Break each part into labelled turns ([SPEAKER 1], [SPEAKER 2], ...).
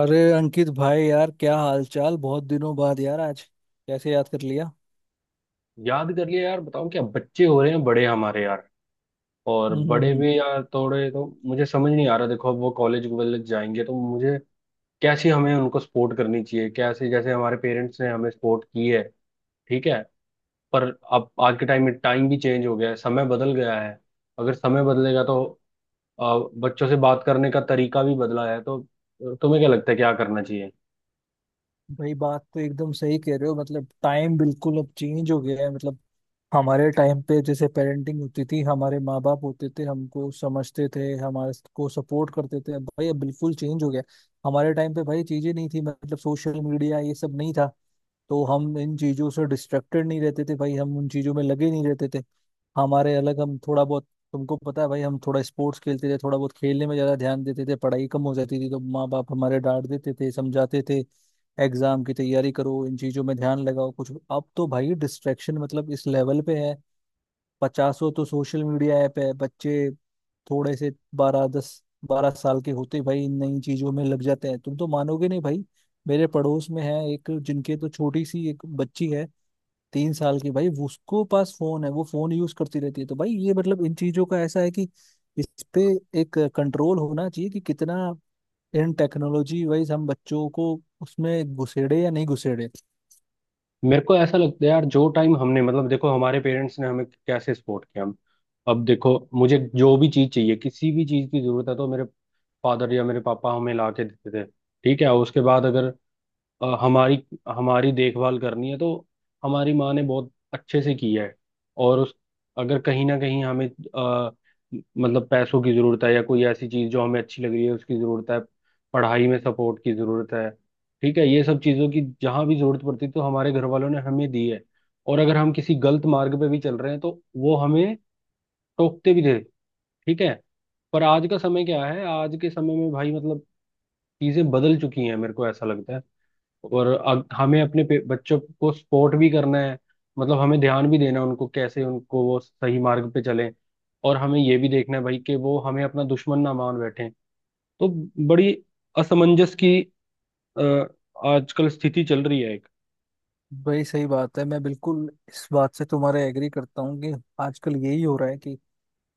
[SPEAKER 1] अरे अंकित भाई, यार क्या हालचाल? बहुत दिनों बाद, यार आज कैसे याद कर लिया?
[SPEAKER 2] याद कर लिया यार। बताओ, क्या बच्चे हो रहे हैं बड़े हमारे यार। और
[SPEAKER 1] हम्म हम्म
[SPEAKER 2] बड़े
[SPEAKER 1] हम्म।
[SPEAKER 2] भी यार थोड़े, तो मुझे समझ नहीं आ रहा। देखो, अब वो कॉलेज वॉलेज जाएंगे तो मुझे कैसी हमें उनको सपोर्ट करनी चाहिए, कैसे जैसे हमारे पेरेंट्स ने हमें सपोर्ट की है। ठीक है, पर अब आज के टाइम में टाइम भी चेंज हो गया है, समय बदल गया है। अगर समय बदलेगा तो अ, बच्चों से बात करने का तरीका भी बदला है, तो तुम्हें क्या लगता है क्या करना चाहिए।
[SPEAKER 1] भाई बात तो एकदम सही कह रहे हो। मतलब टाइम बिल्कुल अब चेंज हो गया है। मतलब हमारे टाइम पे जैसे पेरेंटिंग होती थी, हमारे माँ बाप होते थे, हमको समझते थे, हमारे को सपोर्ट करते थे। अब भाई अब बिल्कुल चेंज हो गया। हमारे टाइम पे भाई चीजें नहीं थी, मतलब सोशल मीडिया ये सब नहीं था, तो हम इन चीजों से डिस्ट्रैक्टेड नहीं रहते थे। भाई हम उन चीजों में लगे नहीं रहते थे। हमारे अलग हम थोड़ा बहुत, तुमको पता है भाई, हम थोड़ा स्पोर्ट्स खेलते थे, थोड़ा बहुत खेलने में ज्यादा ध्यान देते थे। पढ़ाई कम हो जाती थी तो माँ बाप हमारे डांट देते थे, समझाते थे एग्जाम की तैयारी करो, इन चीजों में ध्यान लगाओ कुछ। अब तो भाई डिस्ट्रैक्शन मतलब इस लेवल पे है, पचासों तो सोशल मीडिया ऐप है। बच्चे थोड़े से बारह 10-12 साल के होते ही भाई इन नई चीजों में लग जाते हैं। तुम तो मानोगे नहीं भाई, मेरे पड़ोस में है एक, जिनके तो छोटी सी एक बच्ची है, 3 साल की। भाई उसको पास फोन है, वो फोन यूज करती रहती है। तो भाई ये मतलब इन चीजों का ऐसा है कि इस पे एक कंट्रोल होना चाहिए कि कितना इन टेक्नोलॉजी वाइज हम बच्चों को उसमें घुसेड़े या नहीं घुसेड़े।
[SPEAKER 2] मेरे को ऐसा लगता है यार, जो टाइम हमने मतलब देखो हमारे पेरेंट्स ने हमें कैसे सपोर्ट किया हम। अब देखो, मुझे जो भी चीज चाहिए, किसी भी चीज की जरूरत है तो मेरे फादर या मेरे पापा हमें ला के देते थे। ठीक है, उसके बाद अगर हमारी हमारी देखभाल करनी है तो हमारी माँ ने बहुत अच्छे से किया है। और उस अगर कहीं ना कहीं हमें अ, मतलब पैसों की जरूरत है या कोई ऐसी चीज जो हमें अच्छी लग रही है उसकी जरूरत है, पढ़ाई में सपोर्ट की जरूरत है। ठीक है, ये सब चीजों की जहां भी जरूरत पड़ती है तो हमारे घर वालों ने हमें दी है। और अगर हम किसी गलत मार्ग पे भी चल रहे हैं तो वो हमें टोकते भी थे। ठीक है, पर आज का समय क्या है, आज के समय में भाई मतलब चीजें बदल चुकी हैं, मेरे को ऐसा लगता है। और हमें बच्चों को सपोर्ट भी करना है, मतलब हमें ध्यान भी देना है उनको, कैसे उनको वो सही मार्ग पे चलें। और हमें ये भी देखना है भाई कि वो हमें अपना दुश्मन ना मान बैठे। तो बड़ी असमंजस की अ, आजकल स्थिति चल रही है एक।
[SPEAKER 1] भाई सही बात है। मैं बिल्कुल इस बात से तुम्हारे एग्री करता हूँ कि आजकल यही हो रहा है कि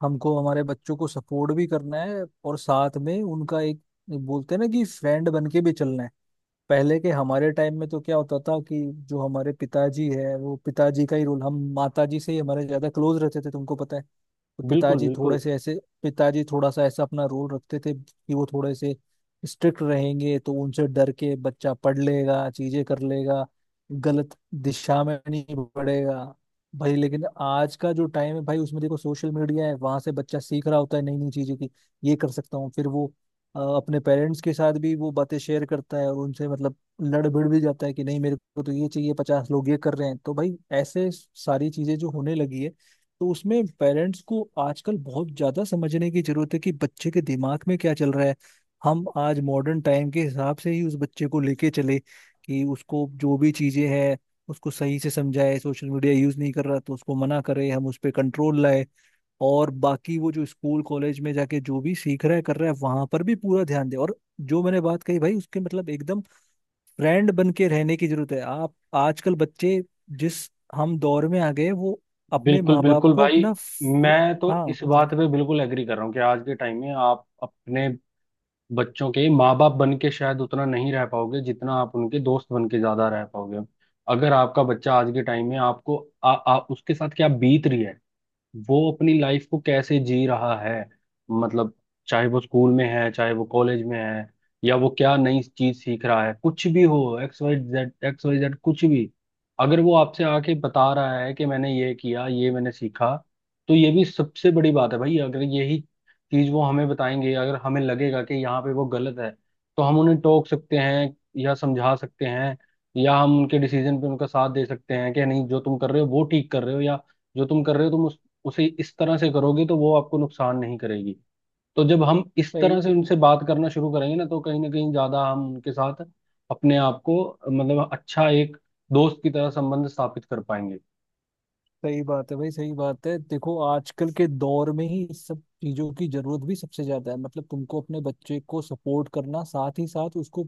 [SPEAKER 1] हमको हमारे बच्चों को सपोर्ट भी करना है, और साथ में उनका एक, बोलते हैं ना कि फ्रेंड बन के भी चलना है। पहले के हमारे टाइम में तो क्या होता था कि जो हमारे पिताजी है, वो पिताजी का ही रोल, हम माताजी से ही हमारे ज्यादा क्लोज रहते थे। तुमको पता है तो
[SPEAKER 2] बिल्कुल
[SPEAKER 1] पिताजी थोड़े
[SPEAKER 2] बिल्कुल।
[SPEAKER 1] से ऐसे, पिताजी थोड़ा सा ऐसा अपना रोल रखते थे कि वो थोड़े से स्ट्रिक्ट रहेंगे तो उनसे डर के बच्चा पढ़ लेगा, चीजें कर लेगा, गलत दिशा में नहीं बढ़ेगा। भाई लेकिन आज का जो टाइम है भाई उसमें देखो, सोशल मीडिया है, वहां से बच्चा सीख रहा होता है नई नई चीजें की ये कर सकता हूँ, फिर वो अपने पेरेंट्स के साथ भी वो बातें शेयर करता है, और उनसे मतलब लड़ भिड़ भी जाता है कि नहीं मेरे को तो ये चाहिए, 50 लोग ये कर रहे हैं। तो भाई ऐसे सारी चीजें जो होने लगी है, तो उसमें पेरेंट्स को आजकल बहुत ज्यादा समझने की जरूरत है कि बच्चे के दिमाग में क्या चल रहा है। हम आज मॉडर्न टाइम के हिसाब से ही उस बच्चे को लेके चले कि उसको जो भी चीजें हैं उसको सही से समझाए। सोशल मीडिया यूज नहीं कर रहा तो उसको मना करें, हम उस पर कंट्रोल लाए। और बाकी वो जो स्कूल कॉलेज में जाके जो भी सीख रहा है कर रहा है वहां पर भी पूरा ध्यान दे। और जो मैंने बात कही भाई उसके मतलब एकदम फ्रेंड बन के रहने की जरूरत है। आप आजकल बच्चे जिस हम दौर में आ गए वो अपने
[SPEAKER 2] बिल्कुल
[SPEAKER 1] माँ बाप
[SPEAKER 2] बिल्कुल
[SPEAKER 1] को
[SPEAKER 2] भाई,
[SPEAKER 1] अपना
[SPEAKER 2] मैं तो
[SPEAKER 1] हाँ
[SPEAKER 2] इस बात पे बिल्कुल एग्री कर रहा हूँ कि आज के टाइम में आप अपने बच्चों के माँ बाप बन के शायद उतना नहीं रह पाओगे जितना आप उनके दोस्त बन के ज्यादा रह पाओगे। अगर आपका बच्चा आज के टाइम में आपको आ, आ, उसके साथ क्या बीत रही है, वो अपनी लाइफ को कैसे जी रहा है, मतलब चाहे वो स्कूल में है, चाहे वो कॉलेज में है, या वो क्या नई चीज सीख रहा है, कुछ भी हो, एक्स वाई जेड कुछ भी, अगर वो आपसे आके बता रहा है कि मैंने ये किया, ये मैंने सीखा, तो ये भी सबसे बड़ी बात है भाई। अगर यही चीज वो हमें बताएंगे, अगर हमें लगेगा कि यहाँ पे वो गलत है तो हम उन्हें टोक सकते हैं या समझा सकते हैं, या हम उनके डिसीजन पे उनका साथ दे सकते हैं कि नहीं जो तुम कर रहे हो वो ठीक कर रहे हो, या जो तुम कर रहे हो तुम उसे इस तरह से करोगे तो वो आपको नुकसान नहीं करेगी। तो जब हम इस
[SPEAKER 1] सही।
[SPEAKER 2] तरह से उनसे बात करना शुरू करेंगे ना तो कहीं ना कहीं ज्यादा हम उनके साथ अपने आप को मतलब अच्छा एक दोस्त की तरह संबंध स्थापित कर पाएंगे।
[SPEAKER 1] सही बात है भाई, सही बात है। देखो आजकल के दौर में ही इस सब चीजों की जरूरत भी सबसे ज्यादा है। मतलब तुमको अपने बच्चे को सपोर्ट करना, साथ ही साथ उसको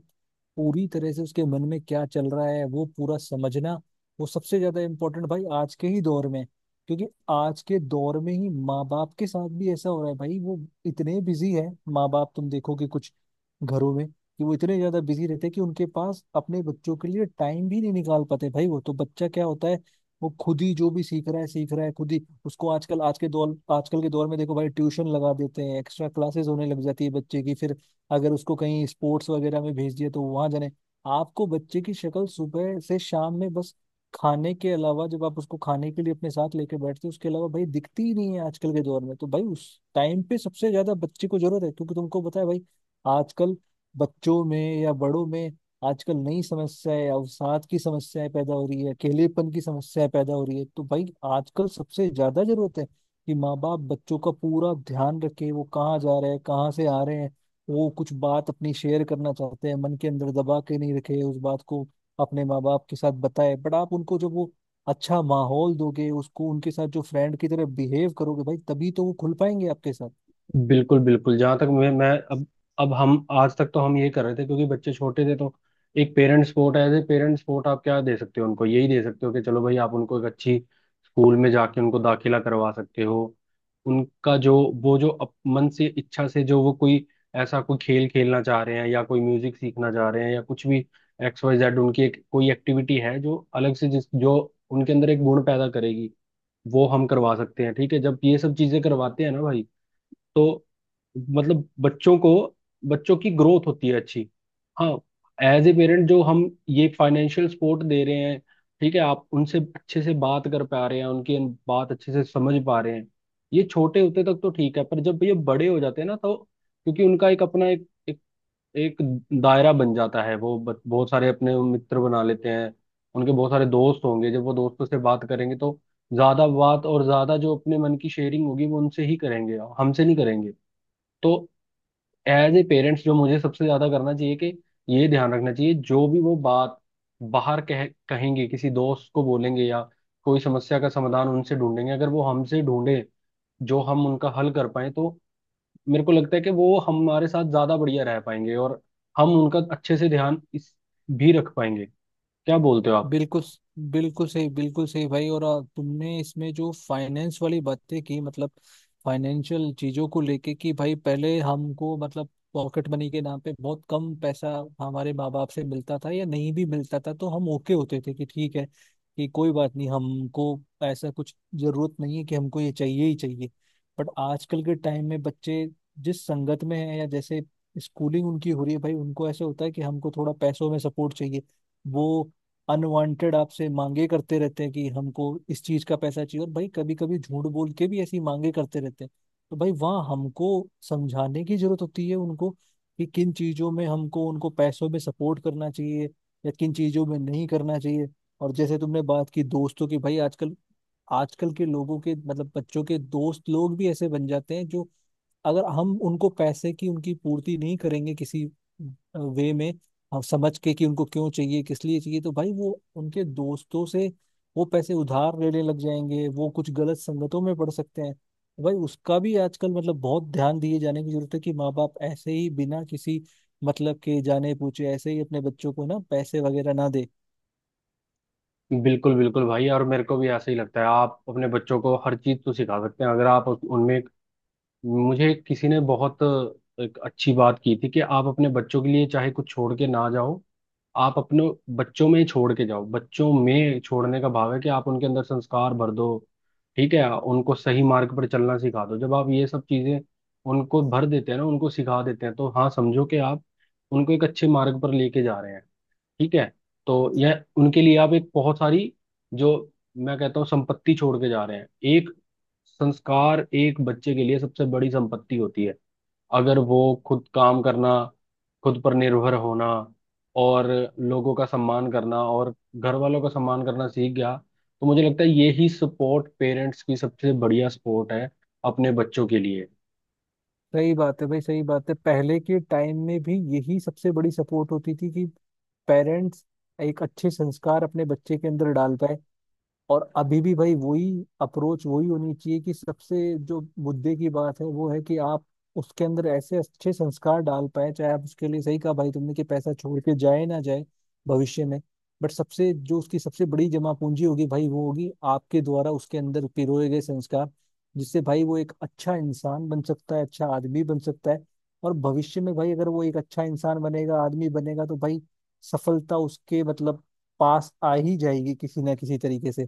[SPEAKER 1] पूरी तरह से उसके मन में क्या चल रहा है वो पूरा समझना, वो सबसे ज्यादा इम्पोर्टेंट भाई आज के ही दौर में। क्योंकि आज के दौर में ही माँ बाप के साथ भी ऐसा हो रहा है भाई, वो इतने बिजी है माँ बाप। तुम देखो कि कुछ घरों में कि वो इतने ज्यादा बिजी रहते हैं कि उनके पास अपने बच्चों के लिए टाइम भी नहीं निकाल पाते। भाई वो तो बच्चा क्या होता है, वो खुद ही जो भी सीख रहा है खुद ही। उसको आजकल के दौर में देखो भाई ट्यूशन लगा देते हैं, एक्स्ट्रा क्लासेस होने लग जाती है बच्चे की। फिर अगर उसको कहीं स्पोर्ट्स वगैरह में भेज दिया तो वहां जाने, आपको बच्चे की शक्ल सुबह से शाम में बस खाने के अलावा, जब आप उसको खाने के लिए अपने साथ लेके बैठते हो उसके अलावा भाई दिखती ही नहीं है आजकल के दौर में। तो भाई उस टाइम पे सबसे ज्यादा बच्चे को जरूरत है, क्योंकि तुमको पता है भाई आजकल बच्चों में या बड़ों में, आजकल नई समस्याएं, अवसाद की समस्याएं पैदा हो रही है, अकेलेपन की समस्याएं पैदा हो रही है। तो भाई आजकल सबसे ज्यादा जरूरत है कि माँ बाप बच्चों का पूरा ध्यान रखे, वो कहाँ जा रहे हैं, कहाँ से आ रहे हैं। वो कुछ बात अपनी शेयर करना चाहते हैं, मन के अंदर दबा के नहीं रखे उस बात को, अपने माँ बाप के साथ बताए। बट आप उनको जब वो अच्छा माहौल दोगे, उसको उनके साथ जो फ्रेंड की तरह बिहेव करोगे भाई, तभी तो वो खुल पाएंगे आपके साथ।
[SPEAKER 2] बिल्कुल बिल्कुल। जहां तक मैं अब हम आज तक तो हम ये कर रहे थे क्योंकि बच्चे छोटे थे। तो एक पेरेंट सपोर्ट है, एज ए पेरेंट सपोर्ट आप क्या दे सकते हो उनको, यही दे सकते हो कि चलो भाई आप उनको एक अच्छी स्कूल में जाके उनको दाखिला करवा सकते हो। उनका जो वो जो मन से इच्छा से, जो वो कोई ऐसा कोई खेल खेलना चाह रहे हैं, या कोई म्यूजिक सीखना चाह रहे हैं, या कुछ भी एक्स वाई जेड उनकी एक कोई एक्टिविटी है जो अलग से जिस जो उनके अंदर एक गुण पैदा करेगी, वो हम करवा सकते हैं। ठीक है, जब ये सब चीजें करवाते हैं ना भाई तो मतलब बच्चों को, बच्चों की ग्रोथ होती है अच्छी। हाँ, एज ए पेरेंट जो हम ये फाइनेंशियल सपोर्ट दे रहे हैं। ठीक है, आप उनसे अच्छे से बात कर पा रहे हैं, उनकी बात अच्छे से समझ पा रहे हैं। ये छोटे होते तक तो ठीक है, पर जब ये बड़े हो जाते हैं ना तो, क्योंकि उनका एक अपना एक एक दायरा बन जाता है, वो बहुत सारे अपने मित्र बना लेते हैं। उनके बहुत सारे दोस्त होंगे, जब वो दोस्तों से बात करेंगे तो ज्यादा बात और ज्यादा जो अपने मन की शेयरिंग होगी वो उनसे ही करेंगे, हमसे नहीं करेंगे। तो एज ए पेरेंट्स जो मुझे सबसे ज्यादा करना चाहिए कि ये ध्यान रखना चाहिए, जो भी वो बात बाहर कह कहेंगे किसी दोस्त को बोलेंगे या कोई समस्या का समाधान उनसे ढूंढेंगे, अगर वो हमसे ढूंढे, जो हम उनका हल कर पाए, तो मेरे को लगता है कि वो हमारे साथ ज्यादा बढ़िया रह पाएंगे और हम उनका अच्छे से ध्यान इस भी रख पाएंगे। क्या बोलते हो आप।
[SPEAKER 1] बिल्कुल, बिल्कुल सही, बिल्कुल सही भाई। और तुमने इसमें जो फाइनेंस वाली बातें की, मतलब फाइनेंशियल चीजों को लेके कि भाई पहले हमको मतलब पॉकेट मनी के नाम पे बहुत कम पैसा हमारे माँ बाप से मिलता था, या नहीं भी मिलता था, तो हम ओके होते थे कि ठीक है, कि कोई बात नहीं, हमको ऐसा कुछ जरूरत नहीं है कि हमको ये चाहिए ही चाहिए। बट आजकल के टाइम में बच्चे जिस संगत में है, या जैसे स्कूलिंग उनकी हो रही है भाई, उनको ऐसे होता है कि हमको थोड़ा पैसों में सपोर्ट चाहिए। वो अनवांटेड आपसे मांगे करते रहते हैं कि हमको इस चीज का पैसा चाहिए, और भाई कभी कभी झूठ बोल के भी ऐसी मांगे करते रहते हैं। तो भाई वहाँ हमको समझाने की जरूरत होती है उनको कि किन चीजों में हमको उनको पैसों में सपोर्ट करना चाहिए, या किन चीजों में नहीं करना चाहिए। और जैसे तुमने बात की दोस्तों की भाई, आजकल आजकल के लोगों के मतलब बच्चों के दोस्त लोग भी ऐसे बन जाते हैं जो, अगर हम उनको पैसे की उनकी पूर्ति नहीं करेंगे किसी वे में, अब समझ के कि उनको क्यों चाहिए, किस लिए चाहिए, तो भाई वो उनके दोस्तों से वो पैसे उधार लेने लग जाएंगे, वो कुछ गलत संगतों में पड़ सकते हैं। तो भाई उसका भी आजकल मतलब बहुत ध्यान दिए जाने की जरूरत है कि माँ बाप ऐसे ही बिना किसी मतलब के जाने पूछे ऐसे ही अपने बच्चों को ना पैसे वगैरह ना दे।
[SPEAKER 2] बिल्कुल बिल्कुल भाई, और मेरे को भी ऐसा ही लगता है, आप अपने बच्चों को हर चीज तो सिखा सकते हैं अगर आप उनमें, मुझे किसी ने बहुत एक अच्छी बात की थी कि आप अपने बच्चों के लिए चाहे कुछ छोड़ के ना जाओ, आप अपने बच्चों में ही छोड़ के जाओ। बच्चों में छोड़ने का भाव है कि आप उनके अंदर संस्कार भर दो। ठीक है, उनको सही मार्ग पर चलना सिखा दो। जब आप ये सब चीजें उनको भर देते हैं ना, उनको सिखा देते हैं, तो हाँ समझो कि आप उनको एक अच्छे मार्ग पर लेके जा रहे हैं। ठीक है, तो यह उनके लिए आप एक बहुत सारी जो मैं कहता हूँ संपत्ति छोड़ के जा रहे हैं। एक संस्कार एक बच्चे के लिए सबसे बड़ी संपत्ति होती है। अगर वो खुद काम करना, खुद पर निर्भर होना, और लोगों का सम्मान करना और घर वालों का सम्मान करना सीख गया, तो मुझे लगता है यही सपोर्ट पेरेंट्स की सबसे बढ़िया सपोर्ट है अपने बच्चों के लिए।
[SPEAKER 1] सही बात है भाई, सही बात है। पहले के टाइम में भी यही सबसे बड़ी सपोर्ट होती थी कि पेरेंट्स एक अच्छे संस्कार अपने बच्चे के अंदर डाल पाए। और अभी भी भाई वही अप्रोच वही होनी चाहिए कि सबसे जो मुद्दे की बात है वो है कि आप उसके अंदर ऐसे अच्छे संस्कार डाल पाए, चाहे आप उसके लिए। सही कहा भाई तुमने कि पैसा छोड़ के जाए ना जाए भविष्य में, बट सबसे जो उसकी सबसे बड़ी जमा पूंजी होगी भाई, वो होगी आपके द्वारा उसके अंदर पिरोए गए संस्कार, जिससे भाई वो एक अच्छा इंसान बन सकता है, अच्छा आदमी बन सकता है। और भविष्य में भाई अगर वो एक अच्छा इंसान बनेगा, आदमी बनेगा, तो भाई सफलता उसके मतलब पास आ ही जाएगी किसी ना किसी तरीके से।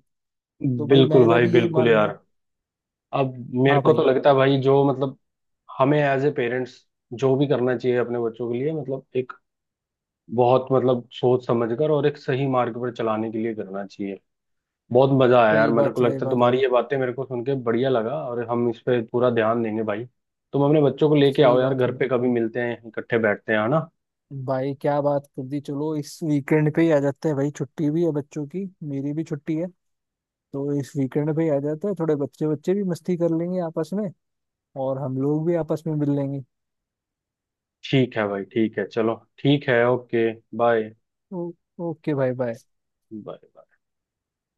[SPEAKER 1] तो भाई
[SPEAKER 2] बिल्कुल
[SPEAKER 1] मेरा
[SPEAKER 2] भाई,
[SPEAKER 1] भी यही
[SPEAKER 2] बिल्कुल
[SPEAKER 1] मानना
[SPEAKER 2] यार।
[SPEAKER 1] है।
[SPEAKER 2] अब मेरे
[SPEAKER 1] हाँ
[SPEAKER 2] को तो
[SPEAKER 1] भाई,
[SPEAKER 2] लगता है भाई जो मतलब हमें एज ए पेरेंट्स जो भी करना चाहिए अपने बच्चों के लिए, मतलब एक बहुत मतलब सोच समझकर और एक सही मार्ग पर चलाने के लिए करना चाहिए। बहुत मजा आया यार, मेरे को
[SPEAKER 1] सही
[SPEAKER 2] लगता है
[SPEAKER 1] बात
[SPEAKER 2] तुम्हारी
[SPEAKER 1] भाई,
[SPEAKER 2] ये बातें मेरे को सुन के बढ़िया लगा, और हम इस पे पूरा ध्यान देंगे भाई। तुम अपने बच्चों को लेके
[SPEAKER 1] सही
[SPEAKER 2] आओ यार,
[SPEAKER 1] बात
[SPEAKER 2] घर
[SPEAKER 1] भाई।
[SPEAKER 2] पे कभी मिलते हैं, इकट्ठे बैठते हैं, है ना।
[SPEAKER 1] भाई क्या बात कर दी! चलो इस वीकेंड पे ही आ जाते हैं भाई, छुट्टी भी है बच्चों की, मेरी भी छुट्टी है। तो इस वीकेंड पे ही आ जाते हैं, थोड़े बच्चे बच्चे भी मस्ती कर लेंगे आपस में, और हम लोग भी आपस में मिल लेंगे।
[SPEAKER 2] ठीक है भाई, ठीक है, चलो, ठीक है, ओके, बाय।
[SPEAKER 1] ओ, ओके भाई, बाय।
[SPEAKER 2] बाय।